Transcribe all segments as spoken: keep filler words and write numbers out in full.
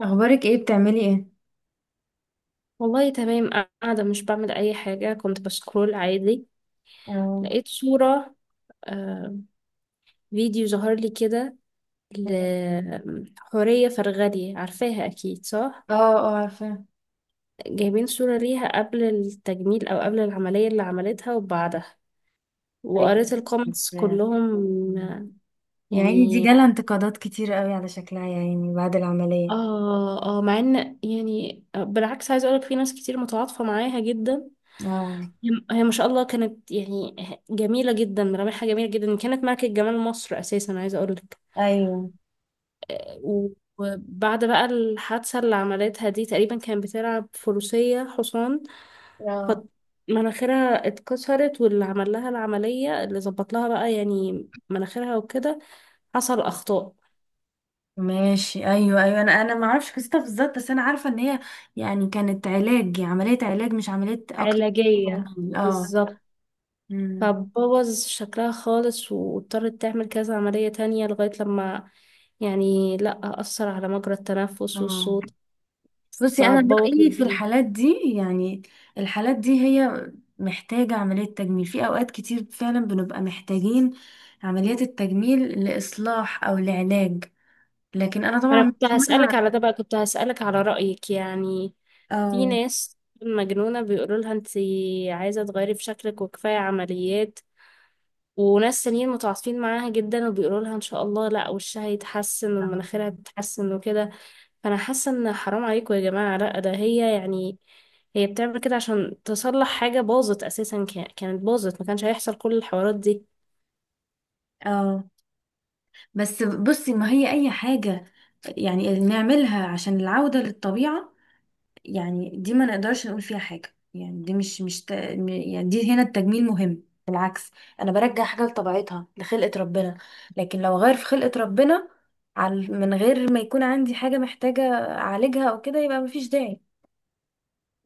اخبارك ايه، بتعملي ايه؟ والله تمام. قاعدة مش بعمل أي حاجة، كنت بسكرول عادي. اه. لقيت صورة، آه فيديو ظهر لي كده اه. لحورية فرغلي، عارفاها أكيد صح؟ اه، عارفه. جايبين صورة ليها قبل التجميل أو قبل العملية اللي عملتها وبعدها، ايوه، وقريت الكومنتس عارفاه. كلهم. مم. يا عيني، دي يعني جالها انتقادات كتير قوي على شكلها، يا عيني، بعد العمليه. اه اه مع ان، يعني بالعكس، عايزه اقولك في ناس كتير متعاطفه معاها جدا. اه. هي هي ما شاء الله كانت يعني جميله جدا، ملامحها جميله جدا، كانت ملكه جمال مصر اساسا، عايزه اقولك. ايوه. و- وبعد بقى الحادثه اللي عملتها دي، تقريبا كانت بتلعب فروسيه، حصان، اه. فمناخيرها اتكسرت، واللي عمل لها العمليه اللي ظبط لها بقى يعني مناخيرها وكده حصل اخطاء ماشي، ايوه، ايوه، انا انا ما اعرفش قصتها بالظبط، بس انا عارفه ان هي يعني كانت علاج، عمليه علاج، مش عمليه اكتر. علاجيه اه. بالظبط. امم فبوظ شكلها خالص، واضطرت تعمل كذا عملية تانية لغاية لما يعني لأ، أثر على مجرى التنفس اه. والصوت. بصي، انا فبوظ رايي في الدنيا. الحالات دي، يعني الحالات دي هي محتاجه عمليه تجميل، في اوقات كتير فعلا بنبقى محتاجين عمليات التجميل لاصلاح او لعلاج. لكن انا أنا طبعا كنت مش هسألك مع. على ده بقى، كنت هسألك على رأيك يعني. في او ناس مجنونة بيقولوا لها أنت عايزة تغيري في شكلك وكفاية عمليات، وناس تانيين متعاطفين معاها جدا وبيقولوا لها إن شاء الله لأ، وشها هيتحسن ومناخيرها هتتحسن وكده. فانا حاسه ان حرام عليكم يا جماعه، لا، ده هي يعني هي بتعمل كده عشان تصلح حاجه باظت اساسا، كا- كانت باظت، ما كانش هيحصل كل الحوارات دي. اه، بس بصي، ما هي اي حاجه يعني نعملها عشان العوده للطبيعه، يعني دي ما نقدرش نقول فيها حاجة، يعني دي مش مش ت... م- يعني دي هنا التجميل مهم، بالعكس، انا برجع حاجة لطبيعتها، لخلقة ربنا. لكن لو غير في خلقة ربنا، على من غير ما يكون عندي حاجة محتاجة اعالجها او كده، يبقى مفيش داعي.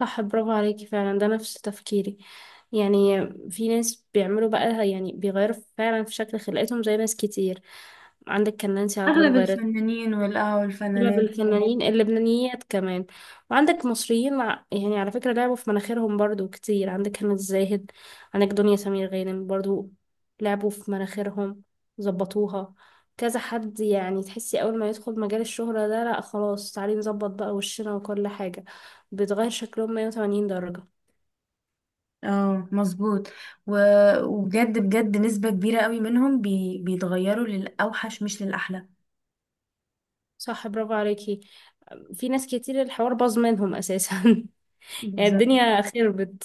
صح، برافو عليكي فعلا، ده نفس تفكيري. يعني في ناس بيعملوا بقى يعني بيغيروا فعلا في شكل خلقتهم زي ناس كتير. عندك كان نانسي عجرم اغلب غيرت. الفنانين والآه اغلب والفنانات. الفنانين اللبنانيات كمان. وعندك مصريين، مع- يعني على فكرة لعبوا في مناخيرهم برضو كتير. عندك هنا الزاهد، عندك دنيا سمير غانم برضو، لعبوا في مناخيرهم، ظبطوها. كذا حد، يعني تحسي اول ما يدخل مجال الشهرة ده، لا خلاص، تعالي نظبط بقى وشنا وكل حاجة. بيتغير شكلهم مية وتمانين درجة. اه، مظبوط. و... وبجد بجد نسبة كبيرة قوي منهم بي... بيتغيروا للأوحش مش للأحلى. صح، برافو عليكي. في ناس كتير الحوار باظ منهم اساسا يعني بالظبط. الدنيا خربت.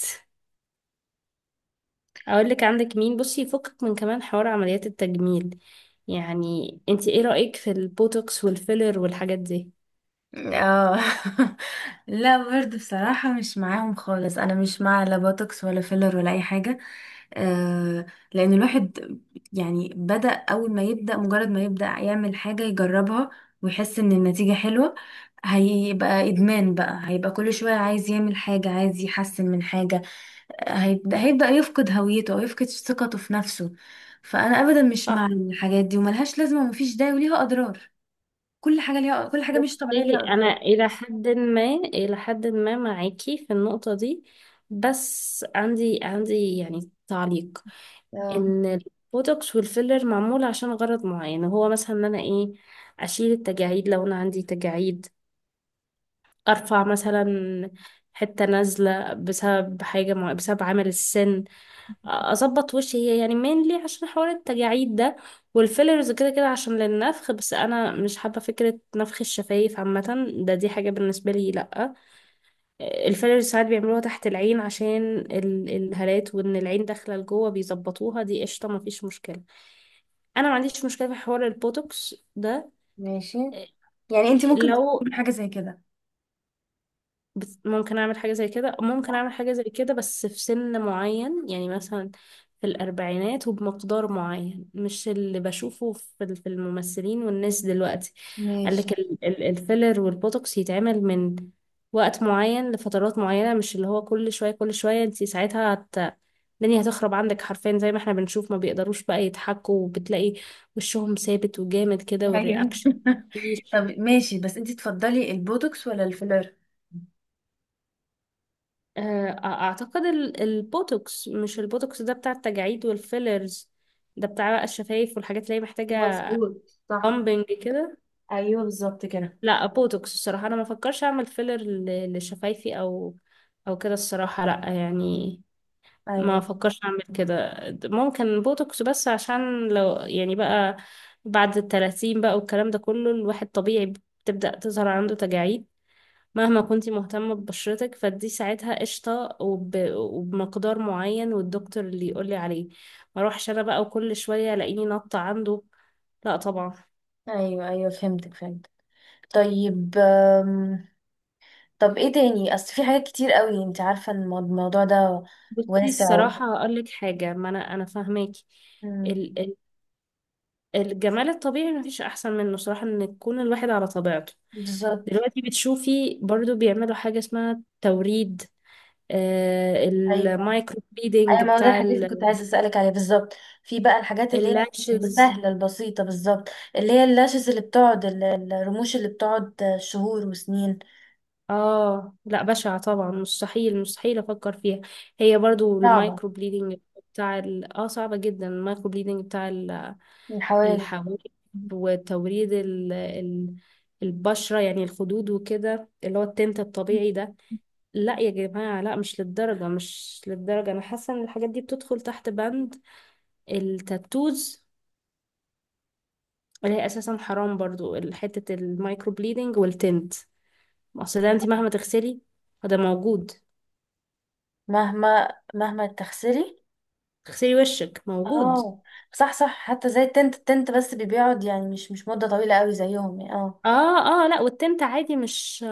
اقول لك عندك مين بصي، يفكك من كمان حوار عمليات التجميل. يعني انت ايه رأيك في البوتوكس والفيلر والحاجات دي؟ اه. لا برضه بصراحة مش معاهم خالص، انا مش مع لا بوتوكس ولا فيلر ولا اي حاجة. آه لان الواحد يعني بدأ، اول ما يبدأ، مجرد ما يبدأ يعمل حاجة يجربها ويحس ان النتيجة حلوة، هيبقى ادمان بقى، هيبقى كل شوية عايز يعمل حاجة، عايز يحسن من حاجة. آه، هيبدأ هيبدأ يفقد هويته او يفقد ثقته في نفسه. فانا ابدا مش مع صح. الحاجات دي، وملهاش لازمة ومفيش داعي وليها اضرار. كل حاجة ليها، كل حاجة مش طبيعية بصي، ليها اضرار. انا الى حد ما الى حد ما معاكي في النقطة دي، بس عندي عندي يعني تعليق. اه. ان البوتوكس والفيلر معمول عشان غرض معين، هو مثلا ان انا ايه، اشيل التجاعيد لو انا عندي تجاعيد، ارفع مثلا حتة نازلة بسبب حاجة مع... بسبب عمل السن، اظبط وشي هي يعني مينلي عشان حوار التجاعيد ده. والفيلرز كده كده عشان للنفخ، بس انا مش حابه فكره نفخ الشفايف عامه، ده دي حاجه بالنسبه لي لا. الفيلرز ساعات بيعملوها تحت العين عشان ال- الهالات، وان العين داخله لجوه بيظبطوها، دي قشطه مفيش مشكله. انا ما عنديش مشكله في حوار البوتوكس ده. ماشي. يعني انت ممكن لو، تقولي حاجة زي كده؟ بس ممكن اعمل حاجة زي كده، ممكن اعمل حاجة زي كده بس في سن معين، يعني مثلا في الاربعينات، وبمقدار معين، مش اللي بشوفه في ال- في الممثلين والناس دلوقتي. قال ماشي. لك ال- ال- الفيلر والبوتوكس يتعمل من وقت معين لفترات معينة، مش اللي هو كل شوية كل شوية. انت ساعتها هت... الدنيا هتخرب عندك حرفيا، زي ما احنا بنشوف ما بيقدروش بقى يضحكوا، وبتلاقي وشهم ثابت وجامد كده ايوه. والرياكشن مفيش. طب ماشي، بس انت تفضلي البوتوكس ولا الفيلر؟ آه، اعتقد ال- البوتوكس، مش البوتوكس ده بتاع التجاعيد والفيلرز، ده بتاع بقى الشفايف والحاجات اللي هي محتاجة مظبوط، صح. بامبنج كده. ايوه بالظبط كده. لا بوتوكس، الصراحة انا ما فكرش اعمل فيلر ل- لشفايفي او او كده، الصراحة لا يعني، ما ايوه، فكرش اعمل كده. ممكن بوتوكس بس عشان لو يعني بقى بعد التلاتين بقى والكلام ده كله، الواحد طبيعي بتبدأ تظهر عنده تجاعيد، مهما كنتي مهتمة ببشرتك، فدي ساعتها قشطة، وب... وبمقدار معين والدكتور اللي يقولي عليه، ما اروحش انا بقى وكل شوية الاقيني نطة عنده، لا طبعا. ايوه، ايوه فهمتك، فهمت. طيب آم، طب ايه تاني، اصل في حاجات كتير قوي انت عارفة ان المو- الموضوع ده بصي واسع و- الصراحة هقولك حاجة، ما انا انا فاهماكي. مم، ال... ال... الجمال الطبيعي مفيش احسن منه صراحة، ان يكون الواحد على طبيعته. بالظبط. دلوقتي بتشوفي برضو بيعملوا حاجة اسمها توريد، آه ايوه، المايكرو ايوه، بليدنج ما هو ده بتاع الحاجات اللي كنت عايزه اسالك عليها بالظبط. في بقى الحاجات اللي هي اللاشز. السهله البسيطه بالظبط، اللي هي اللاشز اللي بتقعد ال- الرموش اللي بتقعد شهور وسنين. اه لا، بشعة طبعا، مستحيل مستحيل افكر فيها. هي برضو صعبه. المايكرو بليدنج بتاع ال... اه، صعبة جدا. المايكرو بليدنج بتاع ال- الحواجب. الحواجب، وتوريد ال... ال... البشرة يعني الخدود وكده، اللي هو التنت الطبيعي ده، لا يا جماعة لا، مش للدرجة مش للدرجة. انا حاسة ان الحاجات دي بتدخل تحت بند التاتوز، اللي هي اساسا حرام برضو، حتة المايكرو بليدنج والتنت. اصل ده انت مهما تغسلي فده موجود، مهما مهما تغسلي. تغسلي وشك موجود. اه، صح، صح، حتى زي التنت، التنت بس بيقعد يعني مش مش مده طويله قوي زيهم يعني اه. اه، اه لا، والتنت عادي، مش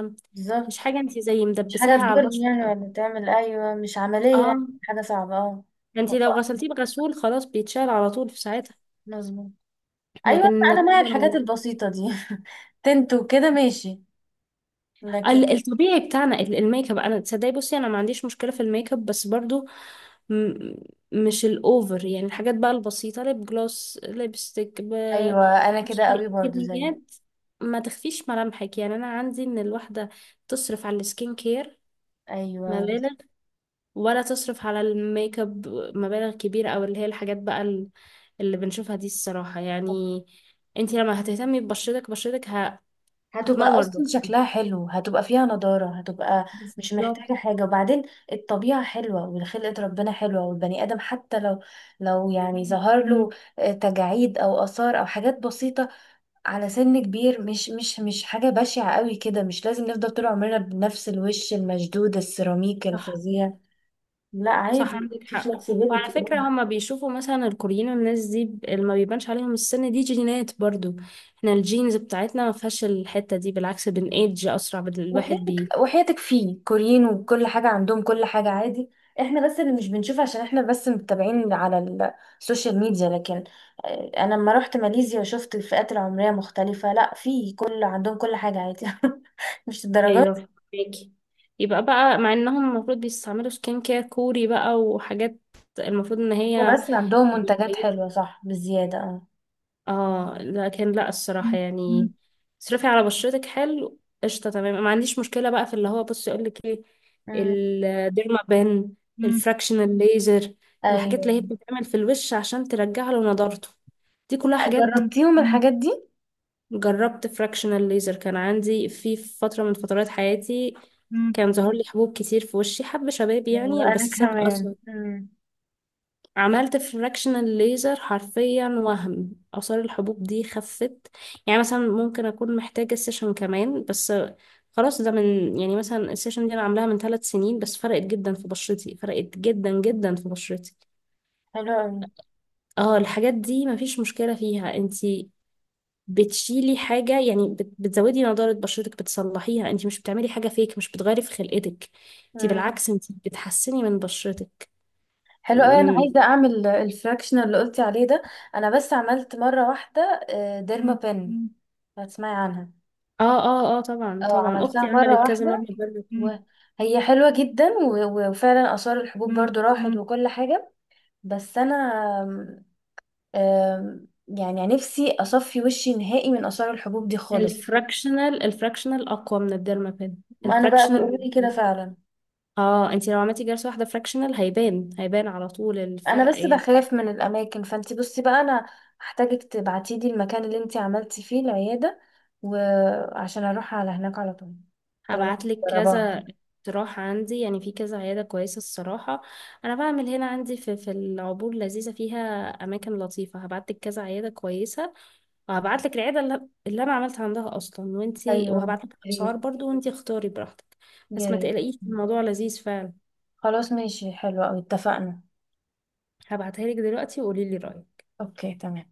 مش بالظبط. حاجة، انت زي مش حاجه مدبساها على تضر البشرة. يعني ولا تعمل، ايوه مش عمليه يعني اه، حاجه صعبه اه. انت لو غسلتيه بغسول خلاص بيتشال على طول في ساعتها، مظبوط. ايوه لكن انا مع الحاجات تفضل. البسيطه دي. تنت وكده، ماشي. على، لكن ال- الطبيعي بتاعنا، ال- الميك اب انا تصدقي، بصي انا ما عنديش مشكلة في الميك اب، بس برضو م مش الاوفر، يعني الحاجات بقى البسيطة، ليب جلوس، ليبستيك، ب ايوه، انا كده مش- قوي برضو زي، كميات ما تخفيش ملامحك. يعني انا عندي ان الواحدة تصرف على السكين كير ايوه، مبالغ ولا تصرف على الميك اب مبالغ كبيرة، او اللي هي الحاجات بقى ال- اللي بنشوفها دي الصراحة يعني. انت لما هتهتمي ببشرتك، بشرتك ه... هتبقى هتنور اصلا لوحدها، شكلها حلو، هتبقى فيها نضارة، هتبقى مش محتاجة بالظبط. حاجة. وبعدين الطبيعة حلوة وخلقة ربنا حلوة، والبني ادم حتى لو، لو يعني ظهر له آه، تجاعيد او اثار او حاجات بسيطة على سن كبير، مش مش مش حاجة بشعة قوي كده، مش لازم نفضل طول عمرنا بنفس الوش المشدود السيراميك صح الفظيع. لا صح، عادي، عندك في حق. وعلى flexibility. فكرة هما بيشوفوا مثلا الكوريين والناس دي ب- اللي ما بيبانش عليهم السن دي جينات برضو. احنا الجينز بتاعتنا ما فيهاش الحتة دي، بالعكس بنأيدج أسرع بال- الواحد وحياتك، بي، وحياتك، فيه كوريين وكل حاجة عندهم كل حاجة عادي، احنا بس اللي مش بنشوف عشان احنا بس متابعين على السوشيال ميديا، لكن آه، انا لما رحت ماليزيا وشفت الفئات العمرية مختلفة، لا في، كل عندهم كل حاجة عادي. مش الدرجات. ايوه فاكي. يبقى بقى مع انهم المفروض بيستعملوا سكين كير كوري بقى وحاجات، المفروض ان هي هما بس عندهم هي منتجات كويسة. حلوة، صح، بالزيادة اه. اه لكن لا، مم. الصراحة مم. يعني اصرفي على بشرتك حلو قشطة تمام، ما عنديش مشكلة بقى في اللي هو بصي اقول لك ايه، مم. الديرما بان، مم. الفراكشنال ليزر، الحاجات اللي هي ايوه. بتتعمل في الوش عشان ترجع له نضارته، دي كلها حاجات. جربتيهم؟ مم. الحاجات دي؟ جربت فراكشنال ليزر، كان عندي في فترة من فترات حياتي مم. كان ظهر لي حبوب كتير في وشي، حب شباب يعني، ايوه انا بس ساب كمان. أثر. مم. عملت فراكشنال ليزر حرفيا، وهم آثار الحبوب دي خفت، يعني مثلا ممكن أكون محتاجة سيشن كمان بس خلاص. ده من يعني مثلا السيشن دي أنا عاملاها من ثلاث سنين، بس فرقت جدا في بشرتي، فرقت جدا جدا في بشرتي. حلو اه الحاجات دي مفيش مشكلة فيها، انتي بتشيلي حاجة يعني، بت- بتزودي نضارة بشرتك، بتصلحيها، انتي مش بتعملي حاجة فيك، مش بتغيري في خلقتك، انتي قوي. بالعكس انتي بتحسني من بشرتك. حلو قوي، انا عايزه اعمل الفراكشن اللي قلتي عليه ده. انا بس عملت مره واحده. آه، ديرما بن، هتسمعي عنها. اه اه اه طبعا اه، طبعا، عملتها اختي مره عملت كذا واحده، مره الديرما بان. وهي حلوه جدا و- وفعلا اثار الحبوب برضو راحت وكل حاجه. بس انا آم، آم، يعني نفسي اصفي وشي نهائي من اثار الحبوب دي خالص. الفراكشنال الفراكشنال اقوى من الديرما بان. ما انا بقى الفراكشنال، بيقولوا لي كده فعلا. اه انتي لو عملتي جلسه واحده فراكشنال هيبان، هيبان على طول انا الفرق بس يعني. بخاف من الاماكن، فانتي بصي بقى، انا هحتاجك تبعتي لي المكان اللي انتي عملتي فيه العياده، وعشان اروح على هناك على طول طالما هبعتلك جربان. كذا اقتراح عندي، يعني في كذا عياده كويسه الصراحه. انا بعمل هنا عندي في في العبور، لذيذه فيها اماكن لطيفه. هبعتلك كذا عياده كويسه، وهبعتلك العياده اللي, اللي انا عملت عندها اصلا وانتي، ايوه، وهبعتلك يا اسعار ريت، برضو وانتي اختاري براحتك. يا بس ما ريت. تقلقيش، الموضوع لذيذ فعلا. خلاص، ماشي، حلو قوي، اتفقنا. هبعتها لك دلوقتي وقولي لي رأيك. اوكي، تمام.